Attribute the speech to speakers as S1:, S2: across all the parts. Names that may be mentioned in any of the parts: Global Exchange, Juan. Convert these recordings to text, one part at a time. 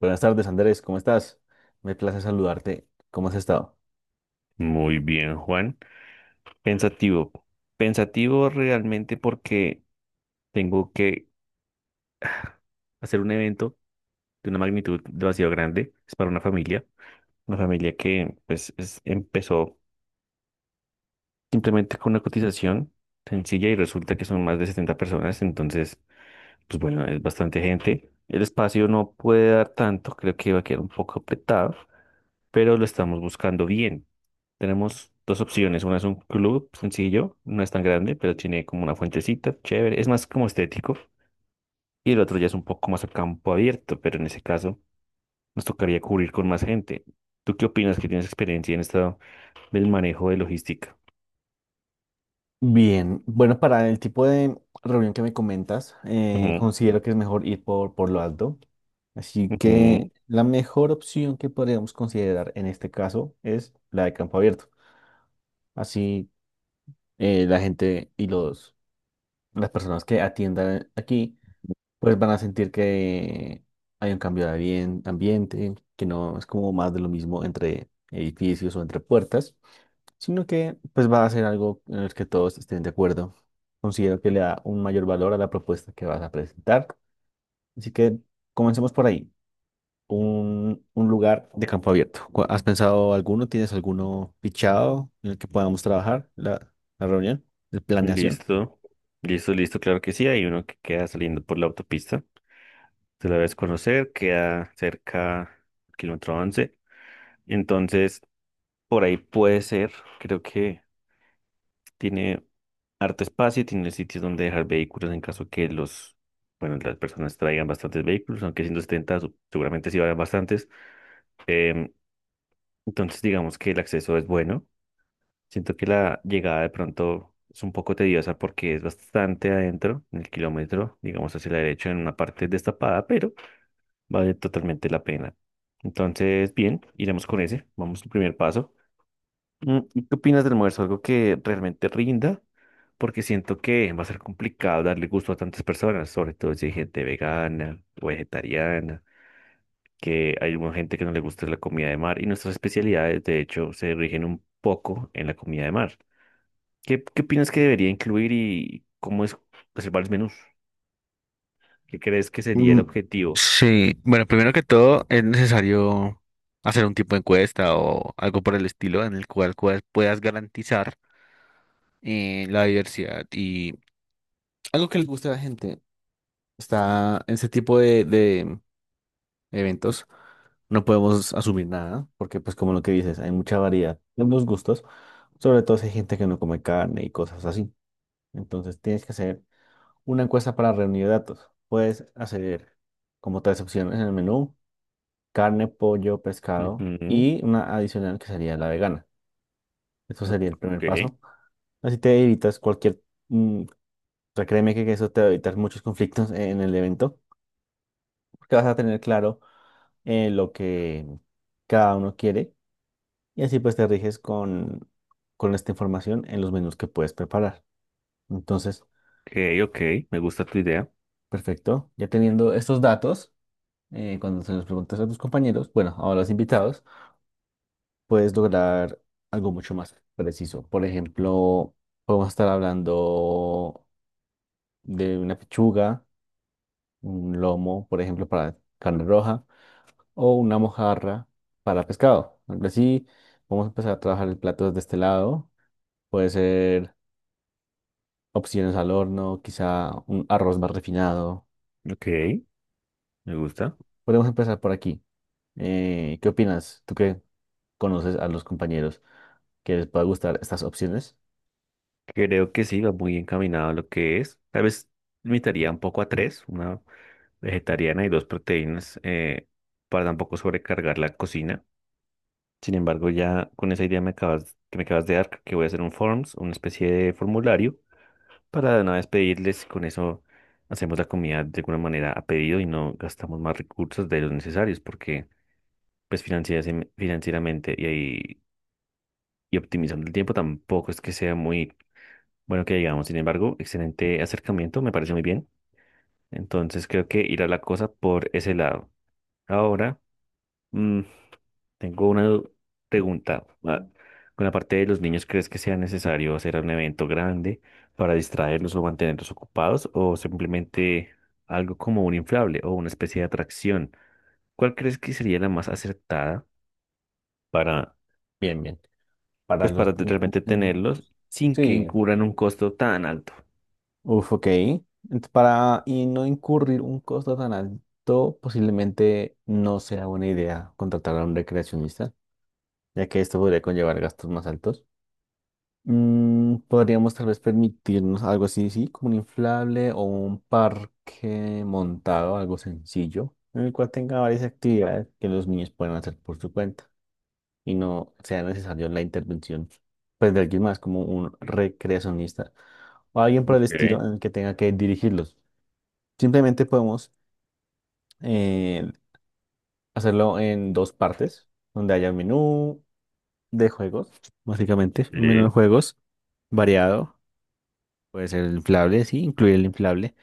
S1: Buenas tardes, Andrés, ¿cómo estás? Me place saludarte. ¿Cómo has estado?
S2: Muy bien, Juan. Pensativo. Pensativo realmente porque tengo que hacer un evento de una magnitud demasiado grande. Es para una familia. Una familia que pues empezó simplemente con una cotización sencilla y resulta que son más de 70 personas. Entonces pues bueno, es bastante gente. El espacio no puede dar tanto, creo que va a quedar un poco apretado, pero lo estamos buscando bien. Tenemos dos opciones, una es un club sencillo, no es tan grande, pero tiene como una fuentecita, chévere, es más como estético, y el otro ya es un poco más a campo abierto, pero en ese caso nos tocaría cubrir con más gente. ¿Tú qué opinas, que tienes experiencia en esto del manejo de logística?
S1: Bien, bueno, para el tipo de reunión que me comentas,
S2: Ujú,
S1: considero que es mejor ir por lo alto. Así
S2: ujú.
S1: que la mejor opción que podríamos considerar en este caso es la de campo abierto. Así la gente y las personas que atiendan aquí pues van a sentir que hay un cambio de ambiente, que no es como más de lo mismo entre edificios o entre puertas, sino que pues va a ser algo en el que todos estén de acuerdo. Considero que le da un mayor valor a la propuesta que vas a presentar. Así que comencemos por ahí. Un lugar de campo abierto. ¿Has pensado alguno? ¿Tienes alguno fichado en el que podamos trabajar la reunión, la planeación?
S2: Listo, listo, listo, claro que sí, hay uno que queda saliendo por la autopista. Tú la debes conocer, queda cerca del kilómetro 11. Entonces, por ahí puede ser. Creo que tiene harto espacio y tiene sitios donde dejar vehículos en caso que los, bueno, las personas traigan bastantes vehículos, aunque 170 seguramente sí vayan bastantes. Em, entonces, digamos que el acceso es bueno. Siento que la llegada de pronto es un poco tediosa porque es bastante adentro, en el kilómetro, digamos hacia la derecha, en una parte destapada. Vale totalmente la pena. Entonces, bien, iremos con ese. Vamos al primer paso. ¿Qué opinas del almuerzo? ¿Algo que realmente rinda? Porque siento que va a ser complicado darle gusto a tantas personas, sobre todo si hay gente vegana o vegetariana, que hay mucha gente que no le gusta la comida de mar, y nuestras especialidades, de hecho, se rigen un poco en la comida de mar. ¿Qué, qué opinas que debería incluir y cómo es reservar los menús? ¿Qué crees que sería el
S1: Mm,
S2: objetivo?
S1: sí, bueno, primero que todo es necesario hacer un tipo de encuesta o algo por el estilo en el cual, cual puedas garantizar, la diversidad y algo que les guste a la gente. Está en ese tipo de eventos, no podemos asumir nada, porque pues como lo que dices, hay mucha variedad en los gustos, sobre todo si hay gente que no come carne y cosas así. Entonces tienes que hacer una encuesta para reunir datos. Puedes hacer como tres opciones en el menú: carne, pollo, pescado
S2: Ujú.
S1: y una adicional que sería la vegana. Eso sería el primer
S2: Ok.
S1: paso. Así te evitas cualquier, mm, o sea, créeme que eso te va a evitar muchos conflictos en el evento, porque vas a tener claro, lo que cada uno quiere, y así pues te riges con esta información en los menús que puedes preparar. Entonces,
S2: Ok, ok, me gusta tu idea.
S1: perfecto. Ya teniendo estos datos, cuando se los preguntas a tus compañeros, bueno, a los invitados, puedes lograr algo mucho más preciso. Por ejemplo, podemos estar hablando de una pechuga, un lomo, por ejemplo, para carne roja, o una mojarra para pescado. Algo así, vamos a empezar a trabajar el plato desde este lado. Puede ser opciones al horno, quizá un arroz más refinado.
S2: Ok, me gusta.
S1: Podemos empezar por aquí. ¿Qué opinas? Tú que conoces a los compañeros, que les pueda gustar estas opciones.
S2: Creo que sí, va muy encaminado a lo que es. Tal vez limitaría un poco a tres, una vegetariana y dos proteínas, para tampoco sobrecargar la cocina. Sin embargo, ya con esa idea que me acabas de dar, creo que voy a hacer un forms, una especie de formulario, para de una vez pedirles, con eso hacemos la comida de alguna manera a pedido y no gastamos más recursos de los necesarios, porque pues financieramente y ahí y optimizando el tiempo tampoco es que sea muy bueno que digamos. Sin embargo, excelente acercamiento, me parece muy bien. Entonces creo que irá la cosa por ese lado. Ahora, mm, tengo una pregunta. Con la parte de los niños, ¿crees que sea necesario hacer un evento grande para distraerlos o mantenerlos ocupados, o simplemente algo como un inflable o una especie de atracción? ¿Cuál crees que sería la más acertada para,
S1: Bien, bien. Para
S2: pues,
S1: los...
S2: para realmente
S1: Mm,
S2: tenerlos sin que
S1: sí.
S2: incurran un costo tan alto?
S1: Uf, ok. Para y no incurrir un costo tan alto, posiblemente no sea buena idea contratar a un recreacionista, ya que esto podría conllevar gastos más altos. Mm, podríamos tal vez permitirnos algo así, sí, como un inflable o un parque montado, algo sencillo, en el cual tenga varias actividades que los niños puedan hacer por su cuenta y no sea necesario la intervención, pues, de alguien más, como un recreacionista o alguien por el
S2: Ok,
S1: estilo en el que tenga que dirigirlos. Simplemente podemos, eh, hacerlo en dos partes, donde haya un menú de juegos, básicamente, un menú de
S2: sí,
S1: juegos variado. Puede ser el inflable, sí, incluir el inflable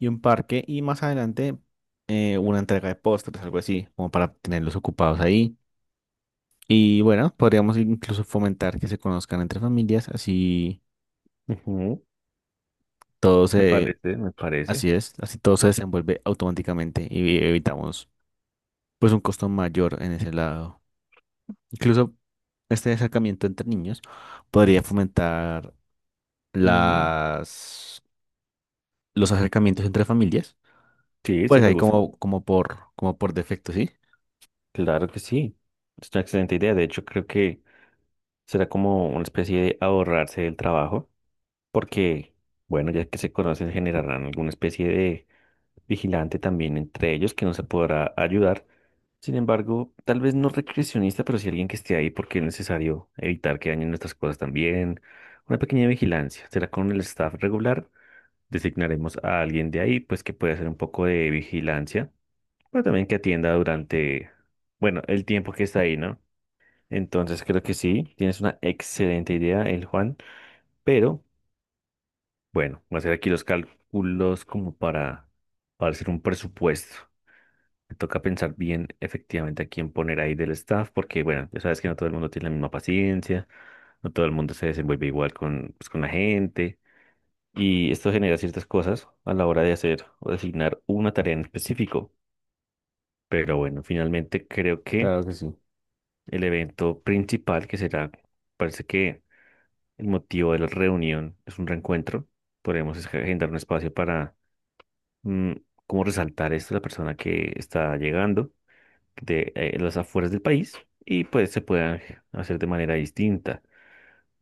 S1: y un parque, y más adelante, una entrega de postres, algo así, como para tenerlos ocupados ahí. Y bueno, podríamos incluso fomentar que se conozcan entre familias,
S2: ujú.
S1: todo
S2: Me
S1: se,
S2: parece, me parece.
S1: así es, así todo se desenvuelve automáticamente y evitamos pues un costo mayor en ese lado. Incluso este acercamiento entre niños podría fomentar
S2: Ujú.
S1: las, los acercamientos entre familias,
S2: Sí, sí,
S1: pues
S2: me
S1: ahí
S2: gusta.
S1: como, como por, como por defecto, ¿sí?
S2: Claro que sí. Es una excelente idea. De hecho, creo que será como una especie de ahorrarse del trabajo, porque, bueno, ya que se conocen, generarán alguna especie de vigilante también entre ellos que nos podrá ayudar. Sin embargo, tal vez no recreacionista, pero sí alguien que esté ahí, porque es necesario evitar que dañen nuestras cosas también. Una pequeña vigilancia. Será con el staff regular. Designaremos a alguien de ahí, pues, que pueda hacer un poco de vigilancia, pero también que atienda durante, bueno, el tiempo que está ahí, ¿no? Entonces creo que sí, tienes una excelente idea, el Juan, pero bueno, voy a hacer aquí los cálculos como para hacer un presupuesto. Me toca pensar bien efectivamente a quién poner ahí del staff, porque bueno, ya sabes que no todo el mundo tiene la misma paciencia, no todo el mundo se desenvuelve igual con, pues, con la gente. Y esto genera ciertas cosas a la hora de hacer o designar una tarea en específico. Pero bueno, finalmente creo que
S1: Claro que sí.
S2: el evento principal que será, parece que el motivo de la reunión es un reencuentro. Podemos agendar un espacio para mm, como resaltar esto a la persona que está llegando de las afueras del país, y pues se puedan hacer de manera distinta.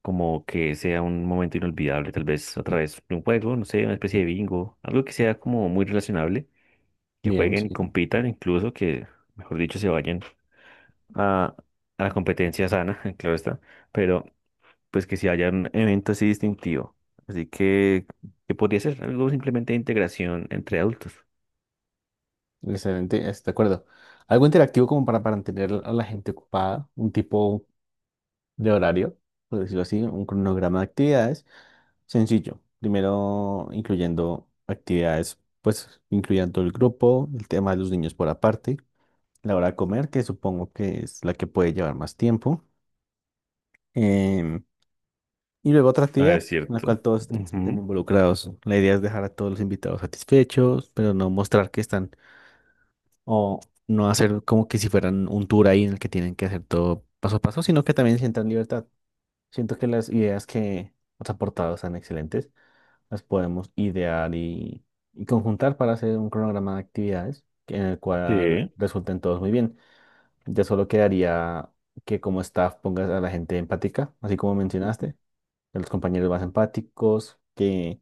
S2: Como que sea un momento inolvidable, tal vez a través de un juego, no sé, una especie de bingo, algo que sea como muy relacionable, que
S1: Bien,
S2: jueguen y
S1: sí.
S2: compitan, incluso que, mejor dicho, se vayan a, a la competencia sana, claro está, pero pues que si haya un evento así distintivo. Así que podría ser algo simplemente de integración entre adultos.
S1: Excelente, estoy de acuerdo. Algo interactivo como para mantener a la gente ocupada, un tipo de horario, por decirlo así, un cronograma de actividades sencillo. Primero incluyendo actividades, pues incluyendo el grupo, el tema de los niños por aparte, la hora de comer, que supongo que es la que puede llevar más tiempo, em, y luego otra
S2: Ah,
S1: actividad
S2: es
S1: en la
S2: cierto.
S1: cual todos estén
S2: Ujú.
S1: involucrados. La idea es dejar a todos los invitados satisfechos, pero no mostrar que están... O no hacer como que si fueran un tour ahí en el que tienen que hacer todo paso a paso, sino que también sientan libertad. Siento que las ideas que has aportado están excelentes. Las podemos idear y conjuntar para hacer un cronograma de actividades en el cual
S2: Sí,
S1: resulten todos muy bien. Ya solo quedaría que como staff pongas a la gente empática, así como mencionaste, a los compañeros más empáticos, que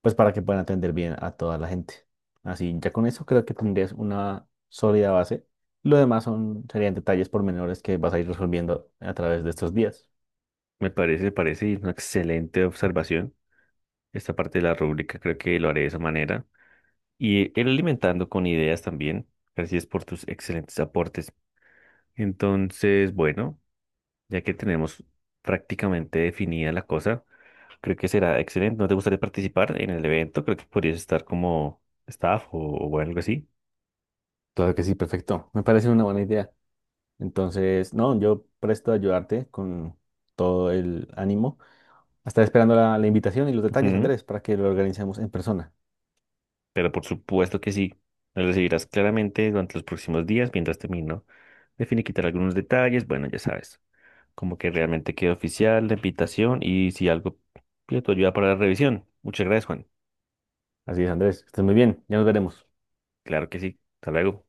S1: pues para que puedan atender bien a toda la gente. Así, ya con eso creo que tendrías una sólida base. Lo demás serían detalles pormenores que vas a ir resolviendo a través de estos días.
S2: parece una excelente observación esta parte de la rúbrica. Creo que lo haré de esa manera. Y ir alimentando con ideas también. Gracias por tus excelentes aportes. Entonces, bueno. Ya que tenemos prácticamente definida la cosa, creo que será excelente. ¿No te gustaría participar en el evento? Creo que podrías estar como staff, o algo así.
S1: Claro que sí, perfecto. Me parece una buena idea. Entonces, no, yo presto a ayudarte con todo el ánimo. Estaré esperando la invitación y los detalles,
S2: Ujú.
S1: Andrés, para que lo organicemos en persona.
S2: Pero por supuesto que sí. Lo recibirás claramente durante los próximos días mientras termino de finiquitar algunos detalles. Bueno, ya sabes, como que realmente quede oficial la invitación, y si algo pido tu ayuda para la revisión. Muchas gracias, Juan.
S1: Así es, Andrés, que estés muy bien. Ya nos veremos.
S2: Claro que sí. Hasta luego.